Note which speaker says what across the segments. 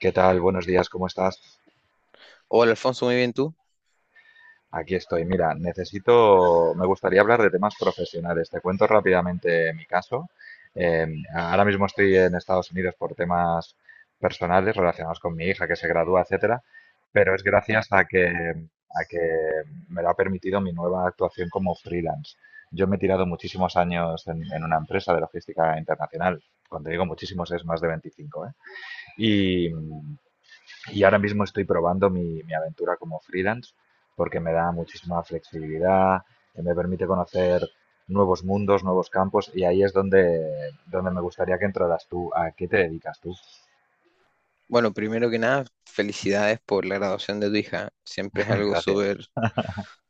Speaker 1: ¿Qué tal? Buenos días, ¿cómo estás?
Speaker 2: Hola Alfonso, muy bien tú.
Speaker 1: Aquí estoy. Mira, necesito, me gustaría hablar de temas profesionales. Te cuento rápidamente mi caso. Eh, ahora mismo estoy en Estados Unidos por temas personales relacionados con mi hija que se gradúa, etcétera, pero es gracias a que me lo ha permitido mi nueva actuación como freelance. Yo me he tirado muchísimos años en una empresa de logística internacional. Cuando digo muchísimos es más de 25, ¿eh? Y ahora mismo estoy probando mi aventura como freelance porque me da muchísima flexibilidad, me permite conocer nuevos mundos, nuevos campos y ahí es donde me gustaría que entraras tú. ¿A qué te dedicas tú?
Speaker 2: Bueno, primero que nada, felicidades por la graduación de tu hija. Siempre es algo
Speaker 1: Gracias.
Speaker 2: súper,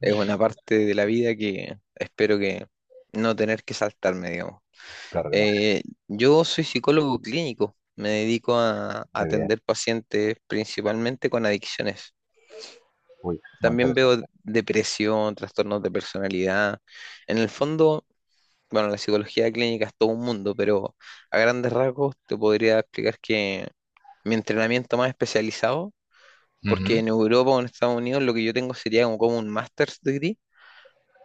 Speaker 2: es una parte de la vida que espero que no tener que saltarme, digamos.
Speaker 1: Claro que no.
Speaker 2: Eh, yo soy psicólogo clínico, me dedico a,
Speaker 1: Muy bien.
Speaker 2: atender pacientes principalmente con adicciones.
Speaker 1: Uy, muy
Speaker 2: También veo
Speaker 1: interesante.
Speaker 2: depresión, trastornos de personalidad. En el fondo, bueno, la psicología clínica es todo un mundo, pero a grandes rasgos te podría explicar que mi entrenamiento más especializado,
Speaker 1: Ujú,
Speaker 2: porque en Europa o en Estados Unidos lo que yo tengo sería como, como un master's degree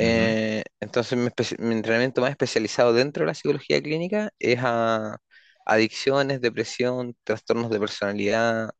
Speaker 1: ujú.
Speaker 2: entonces, mi entrenamiento más especializado dentro de la psicología clínica es a adicciones, depresión, trastornos de personalidad,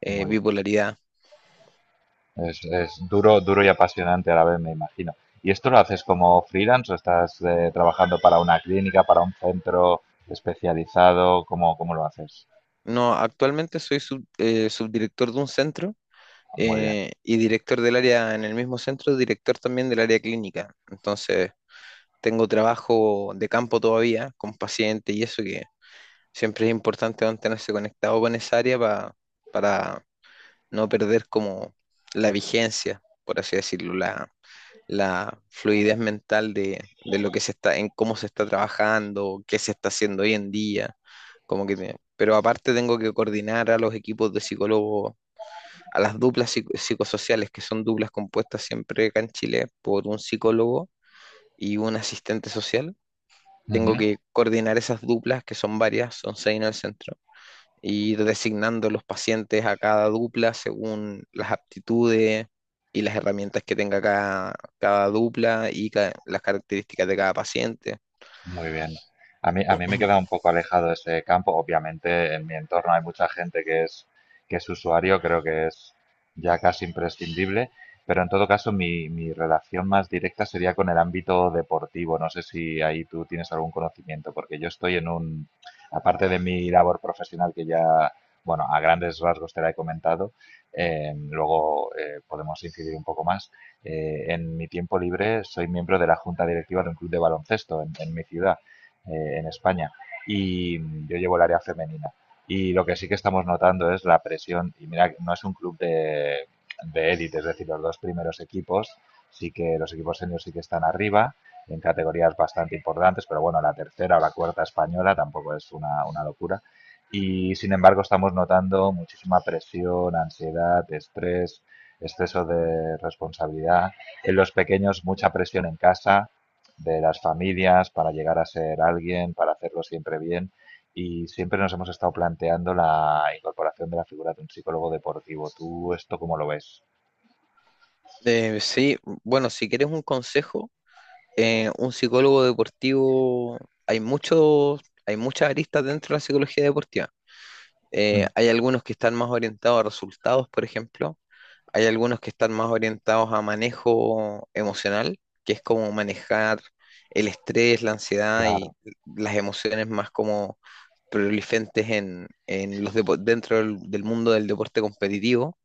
Speaker 1: Muy
Speaker 2: bipolaridad.
Speaker 1: bien. Es duro, duro y apasionante a la vez, me imagino. ¿Y esto lo haces como freelance o estás trabajando para una clínica, para un centro especializado? ¿Cómo, cómo lo haces?
Speaker 2: No, actualmente soy subdirector de un centro
Speaker 1: Muy
Speaker 2: y director del área en el mismo centro, director también del área clínica. Entonces, tengo trabajo de campo todavía con pacientes y eso que siempre es importante mantenerse conectado con esa área para no perder como la vigencia, por así decirlo, la fluidez mental de lo que se está, en cómo se está trabajando, qué se está haciendo hoy en día, como que, pero aparte tengo que coordinar a los equipos de psicólogos, a las psicosociales, que son duplas compuestas siempre acá en Chile por un psicólogo y un asistente social. Tengo
Speaker 1: bien.
Speaker 2: que coordinar esas duplas, que son varias, son 6 en el centro y ir designando los pacientes a cada dupla según las aptitudes y las herramientas que tenga cada, cada dupla y las características de cada paciente.
Speaker 1: Muy bien. A mí me queda un poco alejado ese campo. Obviamente, en mi entorno hay mucha gente que que es usuario, creo que es ya casi imprescindible, pero en todo caso mi relación más directa sería con el ámbito deportivo. No sé si ahí tú tienes algún conocimiento, porque yo estoy en un, aparte de mi labor profesional que ya, bueno, a grandes rasgos te la he comentado, luego podemos incidir un poco más en mi tiempo libre soy miembro de la junta directiva de un club de baloncesto en mi ciudad, en España, y yo llevo el área femenina. Y lo que sí que estamos notando es la presión, y mira, no es un club de élite, es decir, los dos primeros equipos, sí que los equipos seniors sí que están arriba, en categorías bastante importantes, pero bueno, la tercera o la cuarta española tampoco es una locura. Y sin embargo estamos notando muchísima presión, ansiedad, estrés, exceso de responsabilidad, en los pequeños mucha presión en casa, de las familias para llegar a ser alguien, para hacerlo siempre bien. Y siempre nos hemos estado planteando la incorporación de la figura de un psicólogo deportivo. ¿Tú esto cómo lo ves?
Speaker 2: Sí, bueno, si quieres un consejo, un psicólogo deportivo, hay muchos, hay muchas aristas dentro de la psicología deportiva.
Speaker 1: Mm,
Speaker 2: Hay algunos que están más orientados a resultados, por ejemplo, hay algunos que están más orientados a manejo emocional, que es como manejar el estrés, la ansiedad y
Speaker 1: claro,
Speaker 2: las emociones más como prolifentes en los dentro del, del mundo del deporte competitivo.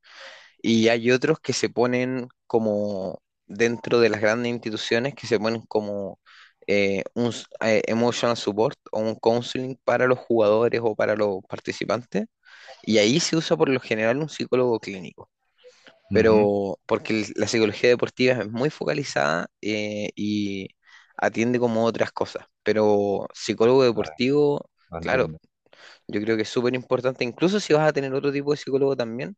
Speaker 2: Y hay otros que se ponen como dentro de las grandes instituciones, que se ponen como emotional support o un counseling para los jugadores o para los participantes. Y ahí se usa por lo general un psicólogo clínico
Speaker 1: ujú.
Speaker 2: pero porque la psicología deportiva es muy focalizada y atiende como otras cosas, pero psicólogo
Speaker 1: Vale,
Speaker 2: deportivo,
Speaker 1: lo
Speaker 2: claro,
Speaker 1: entiendo.
Speaker 2: yo creo que es súper importante, incluso si vas a tener otro tipo de psicólogo también,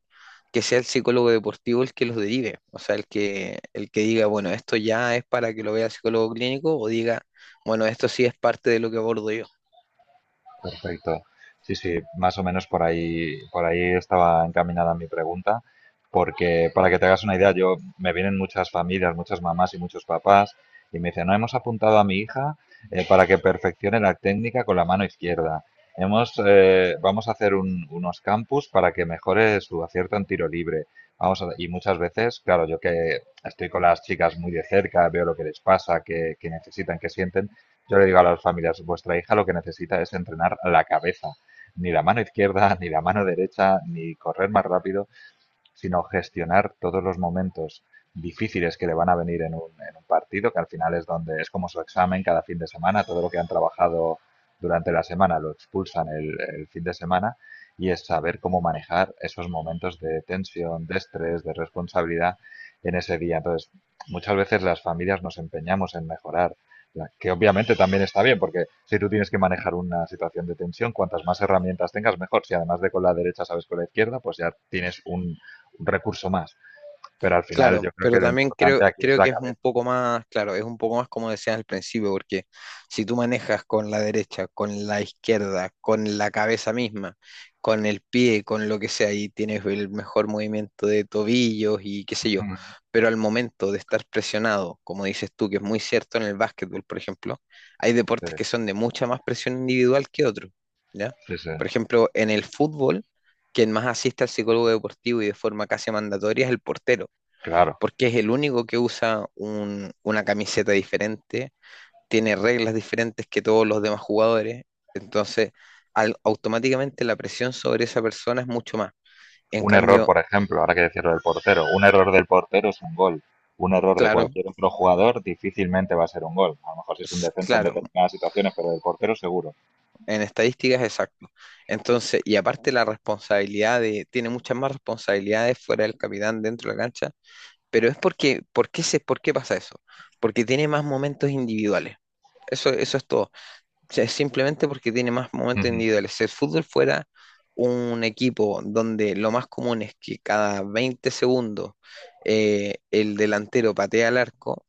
Speaker 2: que sea el psicólogo deportivo el que los derive, o sea, el que diga, bueno, esto ya es para que lo vea el psicólogo clínico o diga, bueno, esto sí es parte de lo que abordo yo.
Speaker 1: Perfecto. Sí, sí, más o menos por ahí estaba encaminada mi pregunta, porque para que te hagas una idea, yo me vienen muchas familias, muchas mamás y muchos papás, y me dicen, no hemos apuntado a mi hija para que perfeccione la técnica con la mano izquierda. Hemos, vamos a hacer unos campus para que mejore su acierto en tiro libre. Y muchas veces, claro, yo que estoy con las chicas muy de cerca, veo lo que les pasa, qué, qué necesitan, qué sienten, yo le digo a las familias, vuestra hija lo que necesita es entrenar la cabeza, ni la mano izquierda, ni la mano derecha, ni correr más rápido, sino gestionar todos los momentos difíciles que le van a venir en un partido, que al final es donde es como su examen cada fin de semana, todo lo que han trabajado durante la semana lo expulsan el fin de semana y es saber cómo manejar esos momentos de tensión, de estrés, de responsabilidad en ese día. Entonces, muchas veces las familias nos empeñamos en mejorar, que obviamente también está bien, porque si tú tienes que manejar una situación de tensión, cuantas más herramientas tengas, mejor. Si además de con la derecha sabes con la izquierda, pues ya tienes un recurso más. Pero al final yo
Speaker 2: Claro,
Speaker 1: creo
Speaker 2: pero
Speaker 1: que lo
Speaker 2: también creo,
Speaker 1: importante aquí es
Speaker 2: creo que
Speaker 1: la
Speaker 2: es un
Speaker 1: cabeza.
Speaker 2: poco más, claro, es un poco más como decías al principio, porque si tú manejas con la derecha, con la izquierda, con la cabeza misma, con el pie, con lo que sea, y tienes el mejor movimiento de tobillos y qué sé yo, pero al momento de estar presionado, como dices tú, que es muy cierto en el básquetbol, por ejemplo, hay
Speaker 1: Sí,
Speaker 2: deportes que son de mucha más presión individual que otros, ¿ya?
Speaker 1: sí, sí,
Speaker 2: Por ejemplo, en el fútbol, quien más asiste al psicólogo deportivo y de forma casi mandatoria es el portero
Speaker 1: claro.
Speaker 2: porque es el único que usa una camiseta diferente, tiene reglas diferentes que todos los demás jugadores, entonces automáticamente la presión sobre esa persona es mucho más. En
Speaker 1: Un error,
Speaker 2: cambio,
Speaker 1: por ejemplo, ahora que decirlo del portero, un error del portero es un gol. Un error de
Speaker 2: claro,
Speaker 1: cualquier otro jugador difícilmente va a ser un gol. A lo mejor si es un defensa en
Speaker 2: claro,
Speaker 1: determinadas situaciones, pero del portero seguro.
Speaker 2: en estadísticas exacto. Entonces, y aparte la responsabilidad de, tiene muchas más responsabilidades fuera del capitán dentro de la cancha, pero es porque, ¿por qué se, por qué pasa eso? Porque tiene más momentos individuales. Eso es todo. Sea, es simplemente porque tiene más momentos
Speaker 1: Ujú.
Speaker 2: individuales. Si el fútbol fuera un equipo donde lo más común es que cada 20 segundos el delantero patea al arco,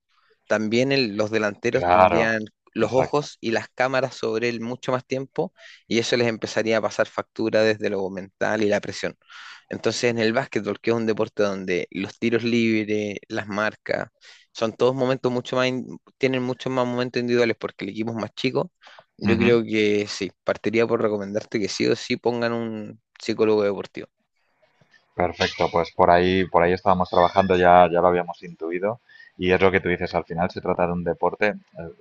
Speaker 2: también los delanteros
Speaker 1: Claro,
Speaker 2: tendrían los
Speaker 1: exacto.
Speaker 2: ojos y las cámaras sobre él mucho más tiempo y eso les empezaría a pasar factura desde lo mental y la presión. Entonces en el básquetbol, que es un deporte donde los tiros libres, las marcas, son todos momentos mucho más, tienen muchos más momentos individuales porque el equipo es más chico, yo
Speaker 1: Ujú.
Speaker 2: creo que sí, partiría por recomendarte que sí o sí pongan un psicólogo deportivo.
Speaker 1: Perfecto, pues por ahí estábamos trabajando, ya, ya lo habíamos intuido, y es lo que tú dices, al final se trata de un deporte eh,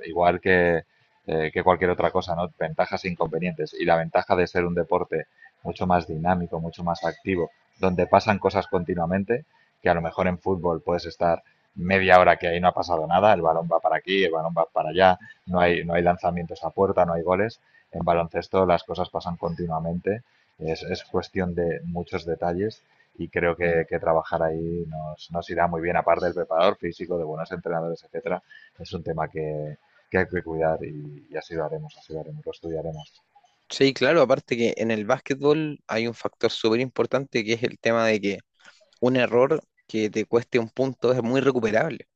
Speaker 1: igual que, eh, que cualquier otra cosa, ¿no? Ventajas e inconvenientes, y la ventaja de ser un deporte mucho más dinámico, mucho más activo, donde pasan cosas continuamente, que a lo mejor en fútbol puedes estar media hora que ahí no ha pasado nada, el balón va para aquí, el balón va para allá, no no hay lanzamientos a puerta, no hay goles, en baloncesto las cosas pasan continuamente, es cuestión de muchos detalles y creo que trabajar ahí nos irá muy bien, aparte del preparador físico, de buenos entrenadores, etcétera. Es un tema que hay que cuidar y así lo haremos, lo estudiaremos.
Speaker 2: Sí, claro, aparte que en el básquetbol hay un factor súper importante que es el tema de que un error que te cueste un punto es muy recuperable.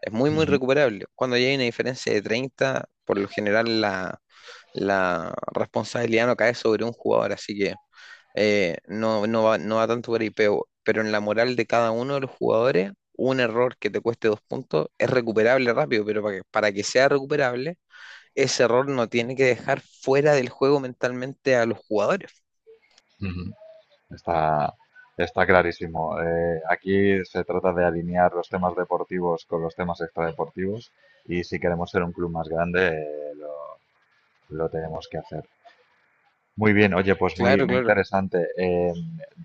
Speaker 2: Es muy, muy
Speaker 1: Ujú,
Speaker 2: recuperable. Cuando ya hay una diferencia de 30, por lo general la, la responsabilidad no cae sobre un jugador, así que no, no va, no va tanto por ahí, pero en la moral de cada uno de los jugadores, un error que te cueste dos puntos es recuperable rápido, pero para que sea recuperable, ese error no tiene que dejar fuera del juego mentalmente a los jugadores.
Speaker 1: ujú. Está, está clarísimo. Aquí se trata de alinear los temas deportivos con los temas extradeportivos y si queremos ser un club más grande, lo tenemos que hacer. Muy bien, oye, pues
Speaker 2: Claro,
Speaker 1: muy, muy
Speaker 2: claro,
Speaker 1: interesante. Eh,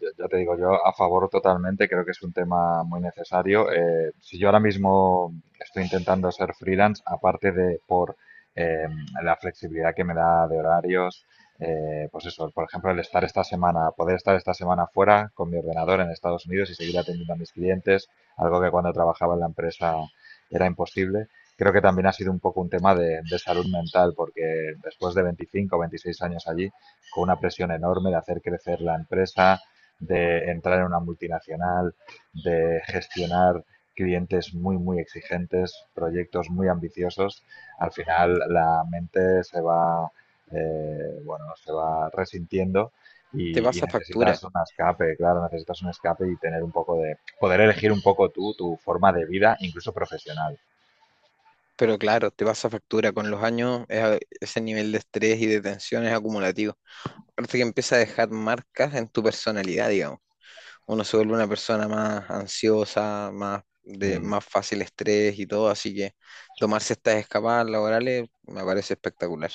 Speaker 1: yo- Ya te digo, yo a favor totalmente, creo que es un tema muy necesario. Si yo ahora mismo estoy intentando ser freelance, aparte de por eh, la flexibilidad que me da de horarios, pues eso, por ejemplo, el estar esta semana, poder estar esta semana fuera con mi ordenador en Estados Unidos y seguir atendiendo a mis clientes, algo que cuando trabajaba en la empresa era imposible. Creo que también ha sido un poco un tema de salud mental, porque después de 25 o 26 años allí, con una presión enorme de hacer crecer la empresa, de entrar en una multinacional, de gestionar clientes muy, muy exigentes, proyectos muy ambiciosos, al final la mente se va, bueno, se va resintiendo
Speaker 2: te
Speaker 1: y
Speaker 2: pasa factura.
Speaker 1: necesitas un escape, claro, necesitas un escape y tener un poco de, poder elegir un poco tú, tu forma de vida, incluso profesional.
Speaker 2: Pero claro, te pasa factura con los años, es ese nivel de estrés y de tensión es acumulativo. Aparte que empieza a dejar marcas en tu personalidad, digamos. Uno se vuelve una persona más ansiosa, más de
Speaker 1: Mm.
Speaker 2: más fácil estrés y todo, así que tomarse estas escapadas laborales me parece espectacular.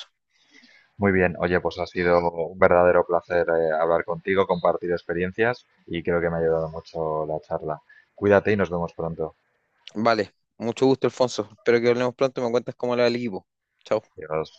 Speaker 1: Muy bien, oye, pues ha sido un verdadero placer hablar contigo, compartir experiencias y creo que me ha ayudado mucho la charla. Cuídate y nos vemos pronto.
Speaker 2: Vale, mucho gusto, Alfonso. Espero que hablemos pronto y me cuentas cómo le va al equipo. Chao.
Speaker 1: Adiós.